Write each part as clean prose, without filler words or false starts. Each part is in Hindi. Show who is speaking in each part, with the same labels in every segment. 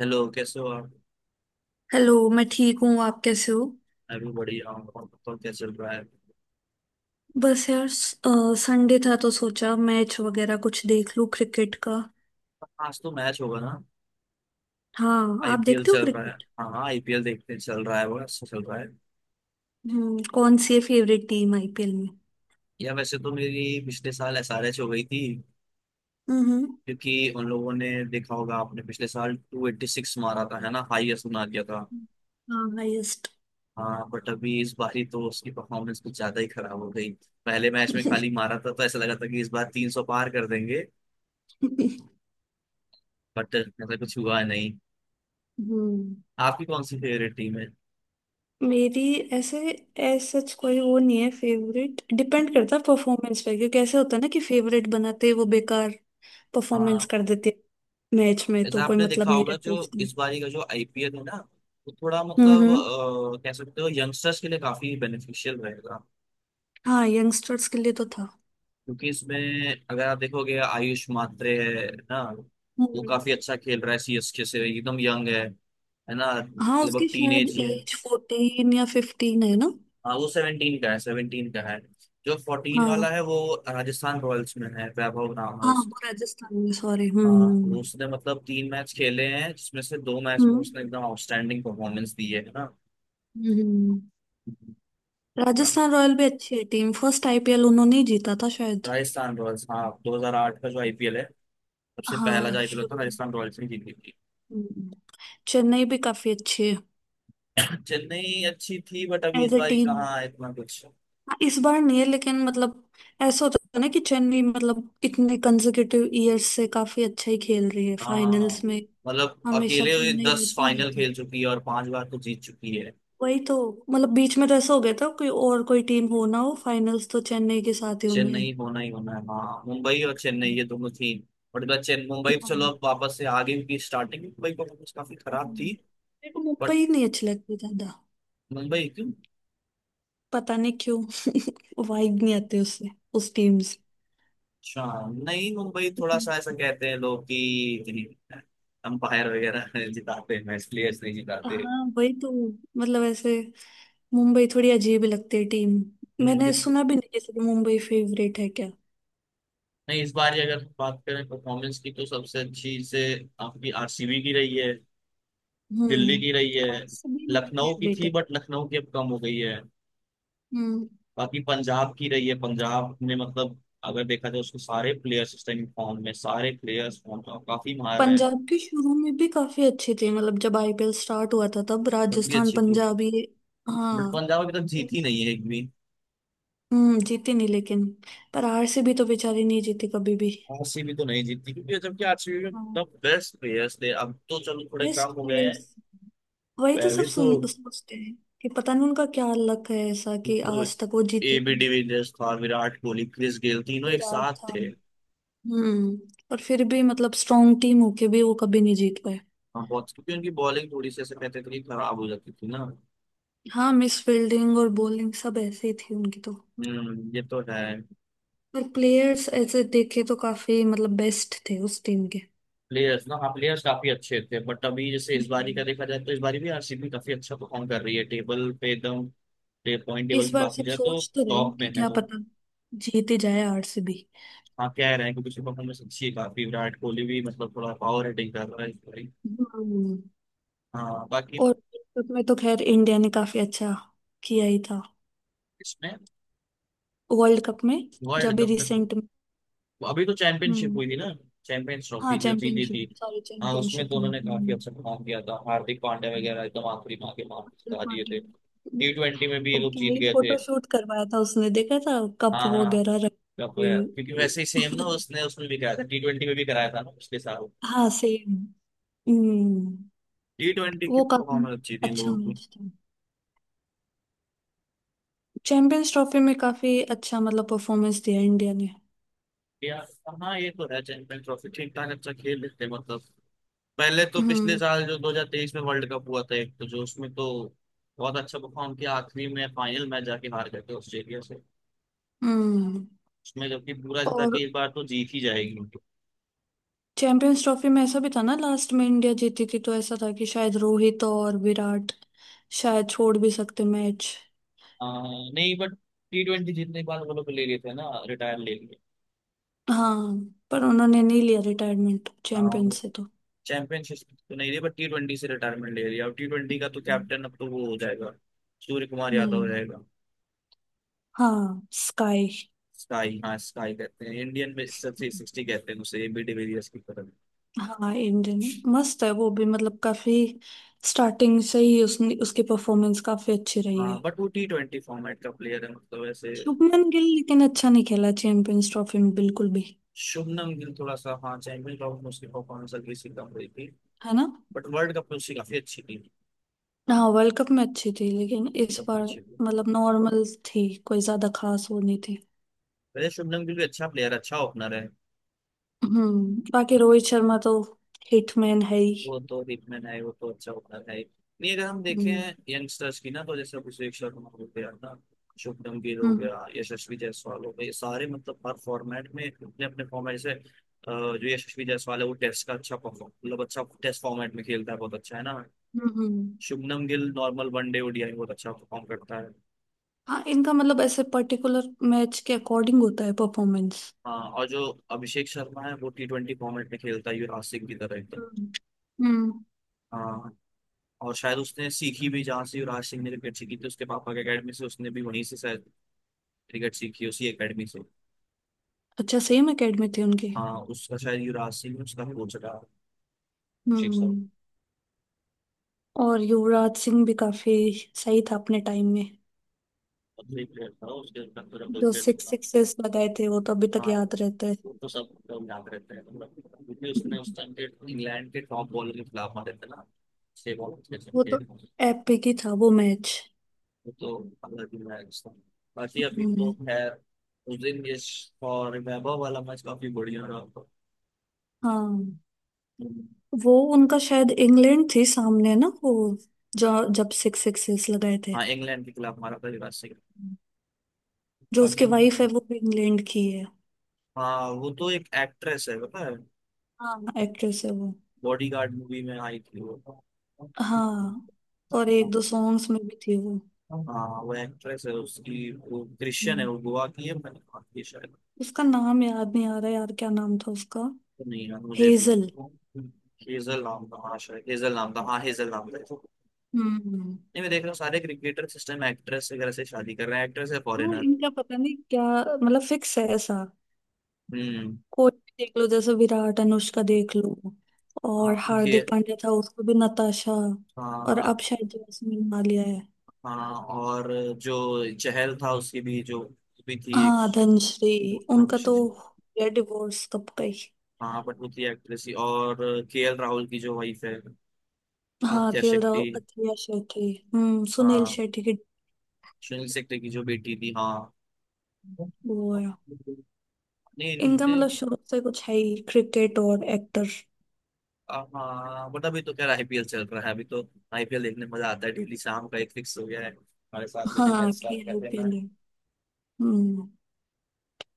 Speaker 1: हेलो, कैसे हो आप?
Speaker 2: हेलो, मैं ठीक हूँ। आप कैसे हो?
Speaker 1: मैं भी बढ़िया हूँ। और बताओ, क्या चल रहा है?
Speaker 2: बस यार, संडे था तो सोचा मैच वगैरह कुछ देख लूँ क्रिकेट का।
Speaker 1: आज तो मैच होगा ना?
Speaker 2: हाँ, आप
Speaker 1: आईपीएल
Speaker 2: देखते हो
Speaker 1: चल रहा है।
Speaker 2: क्रिकेट?
Speaker 1: हाँ हाँ, आईपीएल देखते हैं, चल रहा है वो, अच्छा चल रहा है।
Speaker 2: कौन सी है फेवरेट टीम आईपीएल में?
Speaker 1: या, वैसे तो मेरी पिछले साल एसआरएच हो गई थी,
Speaker 2: हम्म।
Speaker 1: क्योंकि उन लोगों ने, देखा होगा आपने, पिछले साल 286 मारा था, है ना? हाईएस्ट बना दिया था।
Speaker 2: हाँ, हाईएस्ट।
Speaker 1: हाँ, बट अभी इस बार ही तो उसकी परफॉर्मेंस कुछ ज्यादा ही खराब हो गई। पहले मैच में खाली मारा था तो ऐसा लगा था कि इस बार 300 पार कर देंगे। बट ऐसा कुछ हुआ नहीं।
Speaker 2: हम्म।
Speaker 1: आपकी कौन सी फेवरेट टीम है?
Speaker 2: मेरी, ऐसे, ऐसा सच कोई वो नहीं है फेवरेट। डिपेंड करता है परफॉर्मेंस पे, क्योंकि ऐसे होता है ना कि फेवरेट बनाते ही वो बेकार
Speaker 1: हाँ,
Speaker 2: परफॉर्मेंस कर देते। मैच में तो
Speaker 1: ऐसा
Speaker 2: कोई
Speaker 1: आपने
Speaker 2: मतलब
Speaker 1: देखा
Speaker 2: नहीं
Speaker 1: होगा,
Speaker 2: रहता
Speaker 1: जो
Speaker 2: इसका।
Speaker 1: इस बारी का जो आईपीएल है ना, वो थोड़ा
Speaker 2: हम्म।
Speaker 1: मतलब
Speaker 2: हम्म।
Speaker 1: कह सकते हो यंगस्टर्स के लिए काफी बेनिफिशियल रहेगा,
Speaker 2: हाँ, यंगस्टर्स के लिए तो था।
Speaker 1: क्योंकि इसमें अगर आप देखोगे, आयुष मात्रे, है ना, वो
Speaker 2: हम्म।
Speaker 1: काफी अच्छा खेल रहा है, सीएसके से। एकदम यंग है ना?
Speaker 2: हाँ, उसकी
Speaker 1: लगभग
Speaker 2: शायद
Speaker 1: टीनेज ही है।
Speaker 2: एज 14 या 15 है ना।
Speaker 1: हाँ, वो 17 का है, 17 का है। जो 14 वाला
Speaker 2: हाँ।
Speaker 1: है वो राजस्थान रॉयल्स में है, वैभव नाम है
Speaker 2: हाँ,
Speaker 1: उसका।
Speaker 2: वो राजस्थान में, सॉरी।
Speaker 1: हाँ,
Speaker 2: हम्म।
Speaker 1: वो उसने मतलब तीन मैच खेले हैं, जिसमें से दो मैच में
Speaker 2: हम्म।
Speaker 1: उसने एकदम आउटस्टैंडिंग परफॉर्मेंस दी है
Speaker 2: हम्म। हम्म।
Speaker 1: ना?
Speaker 2: राजस्थान रॉयल भी अच्छी है टीम। फर्स्ट आईपीएल उन्होंने ही जीता था शायद।
Speaker 1: राजस्थान रॉयल्स, हाँ 2008 का जो आईपीएल है, सबसे पहला जो
Speaker 2: हाँ,
Speaker 1: आईपीएल था,
Speaker 2: शुरू।
Speaker 1: राजस्थान रॉयल्स ने जीती थी।
Speaker 2: हम्म। चेन्नई भी काफी अच्छी है।
Speaker 1: चेन्नई अच्छी थी, बट अभी इस
Speaker 2: एज ए
Speaker 1: बार ही
Speaker 2: टीम।
Speaker 1: कहाँ है इतना कुछ।
Speaker 2: इस बार नहीं है, लेकिन मतलब, ऐसा होता है ना कि चेन्नई मतलब इतने कंसेक्यूटिव ईयर्स से काफी अच्छा ही खेल रही है
Speaker 1: हाँ,
Speaker 2: फाइनल्स में।
Speaker 1: मतलब
Speaker 2: हमेशा
Speaker 1: अकेले ये
Speaker 2: चेन्नई
Speaker 1: दस
Speaker 2: रहती
Speaker 1: फाइनल
Speaker 2: रहती।
Speaker 1: खेल चुकी है और पांच बार तो जीत चुकी है।
Speaker 2: वही तो। मतलब बीच में तो ऐसा हो गया था कोई और कोई टीम हो ना हो, फाइनल्स तो चेन्नई के साथ ही होना है।
Speaker 1: चेन्नई होना ही होना है। हाँ, मुंबई और चेन्नई, ये दोनों थी। बट इधर चेन मुंबई तो, चलो,
Speaker 2: हम्म।
Speaker 1: अब वापस से आगे की स्टार्टिंग मुंबई परफॉर्मेंस काफी खराब थी।
Speaker 2: मेरे को
Speaker 1: बट
Speaker 2: मुंबई नहीं अच्छी लगती ज्यादा।
Speaker 1: मुंबई क्यों?
Speaker 2: पता नहीं क्यों। वाइब नहीं आती उससे, उस टीम से।
Speaker 1: अच्छा, नहीं मुंबई थोड़ा
Speaker 2: हम्म।
Speaker 1: सा ऐसा कहते हैं लोग कि इतनी अंपायर वगैरह जिताते हैं मैच, प्लेयर्स नहीं जिताते।
Speaker 2: हाँ, वही तो। मतलब ऐसे, मुंबई थोड़ी अजीब ही लगती है टीम। मैंने
Speaker 1: हम्म,
Speaker 2: सुना भी नहीं जैसे कि मुंबई फेवरेट है क्या।
Speaker 1: नहीं इस बार ही अगर बात करें परफॉर्मेंस की तो सबसे अच्छी से आपकी आरसीबी की रही है,
Speaker 2: हम्म।
Speaker 1: दिल्ली की रही है,
Speaker 2: और सभी मेरी
Speaker 1: लखनऊ की
Speaker 2: फेवरेट
Speaker 1: थी
Speaker 2: है।
Speaker 1: बट लखनऊ की अब कम हो गई है,
Speaker 2: हम्म।
Speaker 1: बाकी पंजाब की रही है। पंजाब ने, मतलब अगर देखा जाए उसको, सारे प्लेयर्स इस टाइम फॉर्म में, सारे प्लेयर्स फॉर्म में, और काफी मार रहे हैं।
Speaker 2: पंजाब के शुरू में भी काफी अच्छी थी, मतलब जब आईपीएल स्टार्ट हुआ था तब
Speaker 1: तब भी
Speaker 2: राजस्थान,
Speaker 1: अच्छी थी,
Speaker 2: पंजाब, ये।
Speaker 1: बट
Speaker 2: हाँ।
Speaker 1: पंजाब अभी तक जीती नहीं है एक भी।
Speaker 2: जीती नहीं लेकिन, पर आरसीबी तो बेचारी नहीं जीती कभी भी।
Speaker 1: आरसीबी तो नहीं जीतती, क्योंकि जबकि आरसीबी में
Speaker 2: हाँ,
Speaker 1: द बेस्ट प्लेयर्स थे, अब तो चलो थोड़े
Speaker 2: बेस्ट
Speaker 1: कम हो गए हैं।
Speaker 2: प्लेयर्स। वही तो सब
Speaker 1: पहले तो
Speaker 2: सुन सोचते हैं कि पता नहीं उनका क्या लक है, ऐसा कि
Speaker 1: तो
Speaker 2: आज तक वो जीते ही
Speaker 1: एबी
Speaker 2: नहीं।
Speaker 1: डिविलियर्स था, विराट कोहली, क्रिस गेल, तीनों एक
Speaker 2: फिर आज
Speaker 1: साथ
Speaker 2: था।
Speaker 1: थे।
Speaker 2: हम्म। और फिर भी मतलब स्ट्रॉन्ग टीम होके भी वो कभी नहीं जीत पाए।
Speaker 1: हाँ, बहुत, क्योंकि उनकी बॉलिंग थोड़ी सी ऐसे कहते थे कि खराब हो जाती थी ना।
Speaker 2: हाँ, मिस फील्डिंग और बॉलिंग सब ऐसे ही थी उनकी तो।
Speaker 1: हम्म, ये तो है।
Speaker 2: और प्लेयर्स ऐसे देखे तो काफी मतलब बेस्ट थे उस टीम के।
Speaker 1: प्लेयर्स ना, हाँ प्लेयर्स काफी अच्छे थे, बट अभी जैसे इस बारी का
Speaker 2: हम्म।
Speaker 1: देखा जाए तो इस बारी भी आरसीबी काफी अच्छा परफॉर्म कर रही है, टेबल पे एकदम। पॉइंट टेबल
Speaker 2: इस
Speaker 1: की
Speaker 2: बार
Speaker 1: बात की
Speaker 2: सब
Speaker 1: जाए तो
Speaker 2: सोच तो रहे हैं
Speaker 1: टॉप
Speaker 2: कि
Speaker 1: में है
Speaker 2: क्या
Speaker 1: वो।
Speaker 2: पता, जीत ही जाए आरसीबी।
Speaker 1: हाँ, कह रहे हैं, क्योंकि उसकी परफॉर्मेंस अच्छी है काफी। विराट कोहली भी, मतलब, थोड़ा पावर हिटिंग कर रहा है इस बारी।
Speaker 2: हम्म।
Speaker 1: हाँ बाकी,
Speaker 2: और वर्ल्ड कप में तो खैर इंडिया ने काफी अच्छा किया ही था।
Speaker 1: इसमें,
Speaker 2: वर्ल्ड कप में, जब
Speaker 1: वर्ल्ड
Speaker 2: भी
Speaker 1: कप में तो-
Speaker 2: रिसेंट में।
Speaker 1: अभी तो चैंपियनशिप
Speaker 2: हम्म।
Speaker 1: हुई थी ना, चैंपियंस
Speaker 2: हाँ,
Speaker 1: ट्रॉफी जो जीती थी।
Speaker 2: चैंपियनशिप, सॉरी,
Speaker 1: हाँ, उसमें
Speaker 2: चैंपियनशिप
Speaker 1: तो
Speaker 2: में।
Speaker 1: उन्होंने काफी
Speaker 2: हम्म।
Speaker 1: अच्छा काम किया था। हार्दिक पांड्या वगैरह एकदम आखिरी मार के जिता दिए थे। टी ट्वेंटी में भी ये लोग
Speaker 2: ओके
Speaker 1: जीत
Speaker 2: ही
Speaker 1: गए थे।
Speaker 2: फोटो शूट करवाया था उसने, देखा था कप
Speaker 1: हाँ हाँ,
Speaker 2: वगैरह रख
Speaker 1: कप
Speaker 2: के।
Speaker 1: गया, क्योंकि वैसे ही सेम ना, उसने उसमें भी कराया था, टी ट्वेंटी में भी कराया था ना पिछले साल।
Speaker 2: हाँ, सेम। हम्म।
Speaker 1: टी ट्वेंटी की
Speaker 2: वो काफी
Speaker 1: परफॉर्मेंस अच्छी थी इन
Speaker 2: अच्छा
Speaker 1: लोगों की।
Speaker 2: मैच था। चैंपियंस ट्रॉफी में काफी अच्छा मतलब परफॉर्मेंस दिया इंडिया ने।
Speaker 1: यार, हाँ ये तो है, चैंपियन ट्रॉफी ठीक ठाक अच्छा खेल लेते हैं, मतलब। पहले तो पिछले
Speaker 2: हम्म।
Speaker 1: साल जो 2023 में वर्ल्ड कप हुआ था, एक तो जो उसमें तो बहुत अच्छा परफॉर्म किया, आखिरी में फाइनल मैच जाके हार गए थे ऑस्ट्रेलिया से।
Speaker 2: हम्म।
Speaker 1: उसमें जबकि पूरा ऐसा था
Speaker 2: और
Speaker 1: कि इस बार तो जीत ही जाएगी उनकी।
Speaker 2: चैंपियंस ट्रॉफी में ऐसा भी था ना, लास्ट में इंडिया जीती थी तो ऐसा था कि शायद रोहित और विराट शायद छोड़ भी सकते मैच।
Speaker 1: आ, नहीं बट टी ट्वेंटी जीतने के बाद वो लोग ले लिए थे ना, रिटायर ले लिए।
Speaker 2: हाँ, पर उन्होंने नहीं लिया रिटायरमेंट चैंपियन से तो।
Speaker 1: चैंपियनशिप तो नहीं रही, बट टी ट्वेंटी से रिटायरमेंट ले लिया। और टी ट्वेंटी का तो कैप्टन अब तो वो हो जाएगा, सूर्य कुमार यादव हो
Speaker 2: हम्म।
Speaker 1: जाएगा।
Speaker 2: हाँ, स्काई।
Speaker 1: स्काई, हाँ स्काई कहते हैं इंडियन में। सबसे सिक्सटी कहते हैं उसे, एबी डिविलियर्स की तरह।
Speaker 2: हाँ, इंडियन मस्त है वो भी, मतलब काफी स्टार्टिंग से ही उसने, उसकी परफॉर्मेंस काफी अच्छी रही है।
Speaker 1: हाँ बट वो टी ट्वेंटी फॉर्मेट का प्लेयर है, मतलब ऐसे।
Speaker 2: शुभमन गिल लेकिन अच्छा नहीं खेला चैंपियंस ट्रॉफी में बिल्कुल भी।
Speaker 1: शुभमन गिल थोड़ा सा, हाँ, चैंपियन ट्रॉफी में उसकी परफॉर्मेंस हल्की सी कम रही थी,
Speaker 2: है ना।
Speaker 1: बट वर्ल्ड कप में उसकी काफी अच्छी थी।
Speaker 2: हाँ, वर्ल्ड कप में अच्छी थी, लेकिन इस
Speaker 1: तब
Speaker 2: बार
Speaker 1: पीछे भी,
Speaker 2: मतलब नॉर्मल थी, कोई ज्यादा खास वो नहीं थी।
Speaker 1: वैसे शुभमन गिल भी अच्छा प्लेयर, अच्छा ओपनर है।
Speaker 2: बाकी रोहित शर्मा तो हिटमैन है ही।
Speaker 1: वो तो हिटमैन है, वो तो अच्छा ओपनर है। नहीं, अगर हम देखें
Speaker 2: हम्म।
Speaker 1: यंगस्टर्स की ना, तो जैसे अभिषेक शर्मा हो गया ना, शुभमन गिल हो
Speaker 2: हम्म।
Speaker 1: गया, यशस्वी जायसवाल हो गए, ये सारे, मतलब हर फॉर्मेट में अपने अपने फॉर्मेट से जो यशस्वी जायसवाल है, वो टेस्ट का अच्छा परफॉर्म, मतलब अच्छा टेस्ट फॉर्मेट में खेलता है, बहुत अच्छा है ना।
Speaker 2: हम्म। हम्म।
Speaker 1: Shubman Gill normal one day, ODI बहुत अच्छा परफॉर्म करता है।
Speaker 2: हाँ, इनका मतलब ऐसे पर्टिकुलर मैच के अकॉर्डिंग होता है परफॉर्मेंस।
Speaker 1: हाँ, और जो अभिषेक शर्मा है वो टी ट्वेंटी फॉर्मेट में खेलता है, युवराज सिंह की तरह एकदम।
Speaker 2: हम्म। हम्म।
Speaker 1: हाँ, और शायद उसने सीखी भी जहाँ से युवराज सिंह ने क्रिकेट सीखी थी, उसके पापा की अकेडमी से, उसने भी वहीं से शायद क्रिकेट सीखी, उसी अकेडमी से।
Speaker 2: अच्छा, सेम एकेडमी थी उनकी।
Speaker 1: हाँ, उसका शायद युवराज सिंह ने उसका कोच रहा, अभिषेक शर्मा।
Speaker 2: हम्म और युवराज सिंह भी काफी सही था अपने टाइम में।
Speaker 1: और तो एक प्लेयर था, उसके अंदर तो डबल
Speaker 2: जो
Speaker 1: प्लेयर
Speaker 2: सिक्स
Speaker 1: दिखा।
Speaker 2: सिक्सेस लगाए थे वो तो अभी तक
Speaker 1: हाँ,
Speaker 2: याद रहते हैं।
Speaker 1: वो तो सब लोग याद रहते हैं, मतलब, क्योंकि उसने उस टाइम के इंग्लैंड के टॉप बॉलर के खिलाफ मारे थे ना, छह बॉल छह
Speaker 2: वो
Speaker 1: छक्के।
Speaker 2: तो एपिक ही था वो मैच।
Speaker 1: तो अगला दिन आएगा। बाकी अभी तो
Speaker 2: हम्म।
Speaker 1: खैर, उस दिन ये फॉर रिमेम्बर वाला मैच काफी बढ़िया रहा था।
Speaker 2: हाँ, वो उनका शायद इंग्लैंड थी सामने ना वो, जो जब सिक्स सिक्सेस लगाए थे।
Speaker 1: हाँ, इंग्लैंड के खिलाफ हमारा पहली सीरीज।
Speaker 2: जो
Speaker 1: बाकी,
Speaker 2: उसके वाइफ है वो भी इंग्लैंड की है।
Speaker 1: हाँ वो तो एक एक्ट्रेस है, पता है,
Speaker 2: हाँ, एक्ट्रेस है वो।
Speaker 1: बॉडीगार्ड मूवी में आई थी वो।
Speaker 2: हाँ, और एक दो सॉन्ग्स में भी थी वो।
Speaker 1: हाँ वो एक्ट्रेस है उसकी, वो क्रिश्चियन है,
Speaker 2: हम्म,
Speaker 1: वो गोवा की है, मैंने कहा कि शायद।
Speaker 2: उसका नाम याद नहीं आ रहा यार, क्या नाम था उसका?
Speaker 1: नहीं, है मुझे भी
Speaker 2: हेजल।
Speaker 1: उसको। हेजल नाम था, हाँ शायद हेजल नाम था, हाँ हेजल नाम था।
Speaker 2: हम्म।
Speaker 1: नहीं, मैं देख रहा हूँ सारे क्रिकेटर सिस्टम एक्ट्रेस वगैरह से शादी कर रहे हैं। एक्ट्रेस है
Speaker 2: हाँ,
Speaker 1: फॉरेनर।
Speaker 2: इनका पता नहीं क्या, मतलब फिक्स है ऐसा।
Speaker 1: हम्म।
Speaker 2: कोई भी देख लो, जैसे विराट अनुष्का देख लो।
Speaker 1: हाँ,
Speaker 2: और
Speaker 1: उनके,
Speaker 2: हार्दिक पांड्या था, उसको भी नताशा। और
Speaker 1: हाँ।
Speaker 2: अब शायद जैस्मिन मालिया है।
Speaker 1: हाँ, और जो चहल था उसकी भी जो भी थी एक।
Speaker 2: हाँ, धनश्री। उनका तो, या डिवोर्स कब गई।
Speaker 1: हाँ, बट वो थी एक्ट्रेस ही। और के एल राहुल की जो वाइफ है,
Speaker 2: हाँ,
Speaker 1: आद्या
Speaker 2: खेल
Speaker 1: शेट्टी।
Speaker 2: राहुल, अथलिया शेट्टी, सुनील
Speaker 1: हाँ,
Speaker 2: शेट्टी की।
Speaker 1: सुनील शेट्टी की जो बेटी थी, हाँ।
Speaker 2: वो है।
Speaker 1: नहीं,
Speaker 2: इनका
Speaker 1: इनके
Speaker 2: मतलब शुरू से कुछ है ही क्रिकेट और एक्टर।
Speaker 1: हाँ, बट अभी तो खैर आईपीएल चल रहा है। अभी तो आईपीएल देखने में मजा आता है, डेली शाम का एक फिक्स हो गया है हमारे साथ में,
Speaker 2: हाँ,
Speaker 1: मैच
Speaker 2: कि
Speaker 1: स्टार्ट कर देना
Speaker 2: आईपीएल
Speaker 1: है।
Speaker 2: है। हम्म।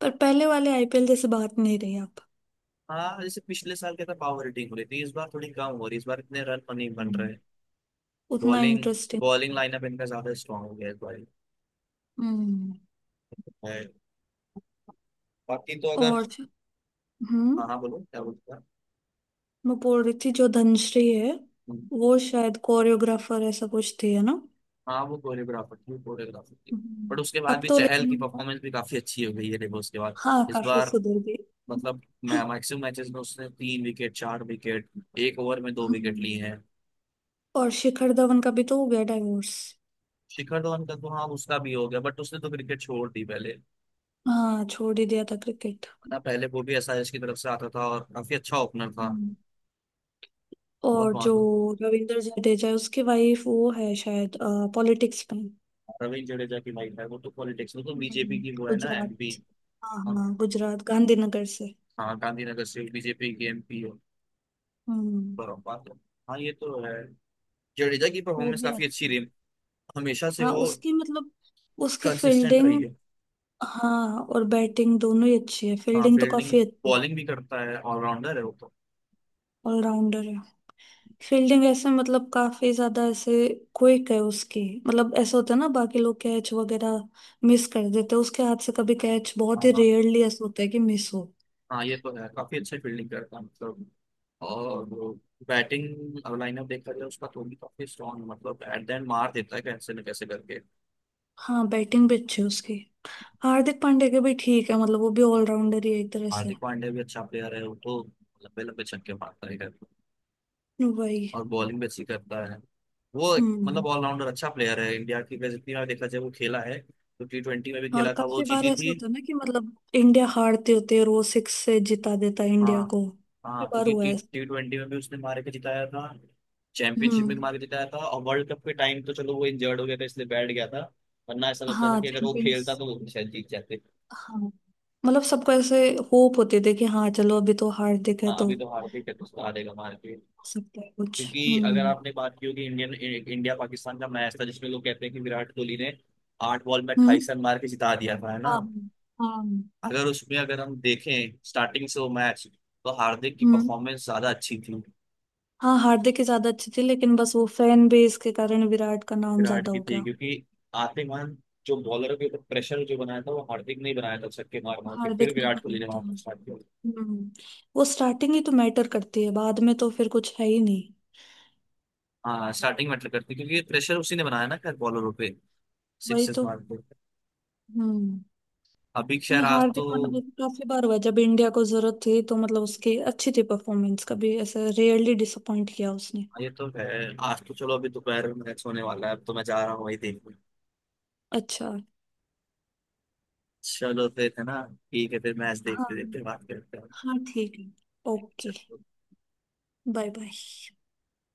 Speaker 2: पर पहले वाले आईपीएल जैसे बात नहीं रही अब।
Speaker 1: हाँ, जैसे पिछले साल क्या था, पावर हिटिंग हो रही थी, इस बार थोड़ी कम हो रही है, इस बार इतने रन नहीं बन
Speaker 2: हम्म,
Speaker 1: रहे।
Speaker 2: उतना
Speaker 1: बॉलिंग,
Speaker 2: इंटरेस्टिंग।
Speaker 1: बॉलिंग लाइनअप इनका ज्यादा स्ट्रांग हो गया इस बार
Speaker 2: हम्म।
Speaker 1: है। बाकी तो अगर,
Speaker 2: और जो— हम्म।
Speaker 1: हाँ हाँ, बोलो क्या बोलते हैं।
Speaker 2: मैं बोल रही थी, जो धनश्री है वो शायद कोरियोग्राफर ऐसा कुछ थी, है ना।
Speaker 1: हाँ, वो कोरियोग्राफर थी, कोरियोग्राफर थी। बट
Speaker 2: हम्म।
Speaker 1: उसके बाद
Speaker 2: अब
Speaker 1: भी
Speaker 2: तो
Speaker 1: चहल की
Speaker 2: लेकिन,
Speaker 1: परफॉर्मेंस भी काफी अच्छी हो गई है देखो उसके बाद,
Speaker 2: हाँ,
Speaker 1: इस
Speaker 2: काफी
Speaker 1: बार,
Speaker 2: सुधर गई।
Speaker 1: मतलब, मैं मैक्सिमम मैचेस में उसने तीन विकेट, चार विकेट, एक ओवर में दो विकेट
Speaker 2: हम्म।
Speaker 1: लिए हैं।
Speaker 2: और शिखर धवन का भी तो हो गया डाइवोर्स।
Speaker 1: शिखर धवन का तो, हाँ उसका भी हो गया, बट उसने तो क्रिकेट छोड़ दी पहले
Speaker 2: हाँ, छोड़ ही दिया था क्रिकेट।
Speaker 1: ना। पहले वो भी एसआरएच की तरफ से आता था और काफी अच्छा ओपनर था,
Speaker 2: हम्म।
Speaker 1: बहुत
Speaker 2: और जो
Speaker 1: महत्वपूर्ण।
Speaker 2: रविंद्र जडेजा है उसकी वाइफ वो है शायद, पॉलिटिक्स में।
Speaker 1: रविंद्र जडेजा की लाइफ है, वो तो पॉलिटिक्स में तो बीजेपी
Speaker 2: हम्म।
Speaker 1: की वो है ना एमपी।
Speaker 2: गुजरात, हाँ,
Speaker 1: हाँ,
Speaker 2: हाँ, गुजरात गांधीनगर से।
Speaker 1: हाँ, गांधीनगर से बीजेपी की एमपी हो,
Speaker 2: हम्म।
Speaker 1: बात है। हाँ ये तो है, जडेजा की
Speaker 2: वो
Speaker 1: परफॉर्मेंस
Speaker 2: भी
Speaker 1: काफी अच्छी
Speaker 2: आती है।
Speaker 1: रही, हमेशा से
Speaker 2: हाँ,
Speaker 1: वो
Speaker 2: उसकी मतलब उसकी
Speaker 1: कंसिस्टेंट
Speaker 2: फील्डिंग,
Speaker 1: रही है।
Speaker 2: हाँ, और बैटिंग दोनों ही अच्छी है।
Speaker 1: हाँ,
Speaker 2: फील्डिंग तो
Speaker 1: फील्डिंग,
Speaker 2: काफी अच्छी है।
Speaker 1: बॉलिंग भी करता है, ऑलराउंडर है वो तो।
Speaker 2: ऑलराउंडर है। फील्डिंग ऐसे मतलब काफी ज्यादा ऐसे क्विक है उसकी। मतलब ऐसा होता है ना, बाकी लोग कैच वगैरह मिस कर देते हैं, उसके हाथ से कभी कैच बहुत
Speaker 1: हाँ
Speaker 2: ही
Speaker 1: हाँ,
Speaker 2: रेयरली ऐसा होता है कि मिस हो।
Speaker 1: हाँ, ये तो है, काफी अच्छी फील्डिंग करता है, मतलब। और वो बैटिंग लाइनअप देखा जाए उसका तो भी काफी स्ट्रॉन्ग, मतलब एट द एंड मार देता है कैसे न कैसे करके।
Speaker 2: हाँ, बैटिंग भी अच्छी है उसकी। हार्दिक पांड्या के भी ठीक है, मतलब वो भी ऑलराउंडर ही है एक तरह से।
Speaker 1: हार्दिक पांड्या भी अच्छा प्लेयर है, वो तो लंबे लंबे छक्के मारता है करके।
Speaker 2: वही।
Speaker 1: और बॉलिंग भी अच्छी करता है। मतलब,
Speaker 2: हम्म।
Speaker 1: ऑलराउंडर अच्छा प्लेयर है, इंडिया की वैसे जितनी बार देखा जाए वो खेला है तो। टी ट्वेंटी में भी
Speaker 2: और
Speaker 1: खेला था वो,
Speaker 2: काफी बार
Speaker 1: जीती
Speaker 2: ऐसा
Speaker 1: थी।
Speaker 2: होता है ना कि मतलब इंडिया हारते होते हैं, रोज सिक्स से जिता देता है इंडिया
Speaker 1: हाँ
Speaker 2: को,
Speaker 1: हाँ,
Speaker 2: काफी बार
Speaker 1: क्योंकि
Speaker 2: हुआ
Speaker 1: टी
Speaker 2: है।
Speaker 1: टी ट्वेंटी में भी उसने मार के जिताया था, चैंपियनशिप
Speaker 2: हम्म।
Speaker 1: में भी मार के जिताया था। और वर्ल्ड कप के टाइम तो, चलो, वो इंजर्ड हो गया था इसलिए बैठ गया था, वरना ऐसा लगता था
Speaker 2: हाँ,
Speaker 1: कि अगर वो
Speaker 2: चैंपियंस।
Speaker 1: खेलता तो वो शायद जीत जाते।
Speaker 2: हाँ, मतलब सबको ऐसे होप होते थे कि हाँ चलो, अभी तो हार दिख है
Speaker 1: हाँ,
Speaker 2: तो
Speaker 1: अभी
Speaker 2: हो
Speaker 1: तो हारते ही उसको हारेगा मार के,
Speaker 2: सकता है कुछ।
Speaker 1: क्योंकि अगर
Speaker 2: हम्म।
Speaker 1: आपने बात की होगी, इंडियन, इंडिया पाकिस्तान का मैच था जिसमें लोग कहते हैं कि विराट कोहली ने आठ बॉल में
Speaker 2: हम्म।
Speaker 1: अट्ठाईस रन मार के जिता दिया था, है ना?
Speaker 2: हाँ, हाँ।
Speaker 1: अगर उसमें अगर हम देखें स्टार्टिंग से वो मैच, तो हार्दिक की
Speaker 2: हम्म।
Speaker 1: परफॉर्मेंस ज्यादा अच्छी थी।
Speaker 2: हाँ, हार्दिक ही ज्यादा अच्छी थी, लेकिन बस वो फैन बेस के कारण विराट का नाम
Speaker 1: विराट
Speaker 2: ज्यादा
Speaker 1: की
Speaker 2: हो
Speaker 1: थी
Speaker 2: गया।
Speaker 1: क्योंकि आते मान, जो बॉलर के ऊपर प्रेशर जो बनाया था वो हार्दिक ने ही बनाया था, छक्के मार मार के,
Speaker 2: हार्दिक
Speaker 1: फिर
Speaker 2: नहीं
Speaker 1: विराट
Speaker 2: बना
Speaker 1: कोहली ने
Speaker 2: था।
Speaker 1: मारा, स्टार्ट किया।
Speaker 2: हम्म वो स्टार्टिंग ही तो मैटर करती है, बाद में तो फिर कुछ है ही नहीं।
Speaker 1: हाँ, स्टार्टिंग मैटर करती, क्योंकि प्रेशर उसी ने बनाया ना खैर बॉलरों पे,
Speaker 2: वही
Speaker 1: सिक्सेस
Speaker 2: तो।
Speaker 1: मार के।
Speaker 2: हम्म।
Speaker 1: अभी
Speaker 2: नहीं,
Speaker 1: खैर आज तो,
Speaker 2: हार्दिक मतलब काफी बार हुआ है, जब इंडिया को जरूरत थी तो मतलब उसकी अच्छी थी परफॉर्मेंस। कभी ऐसे रेयरली डिसअपॉइंट किया उसने।
Speaker 1: हाँ, ये तो है, आज तो चलो अभी दोपहर में मैच होने वाला है, अब तो मैं जा रहा हूँ वही देखने।
Speaker 2: अच्छा।
Speaker 1: चलो फिर, है ना? ठीक है, फिर मैच देखते
Speaker 2: हाँ।
Speaker 1: देखते बात करते हैं।
Speaker 2: हाँ, ठीक है। ओके।
Speaker 1: चलो।
Speaker 2: Bye, bye.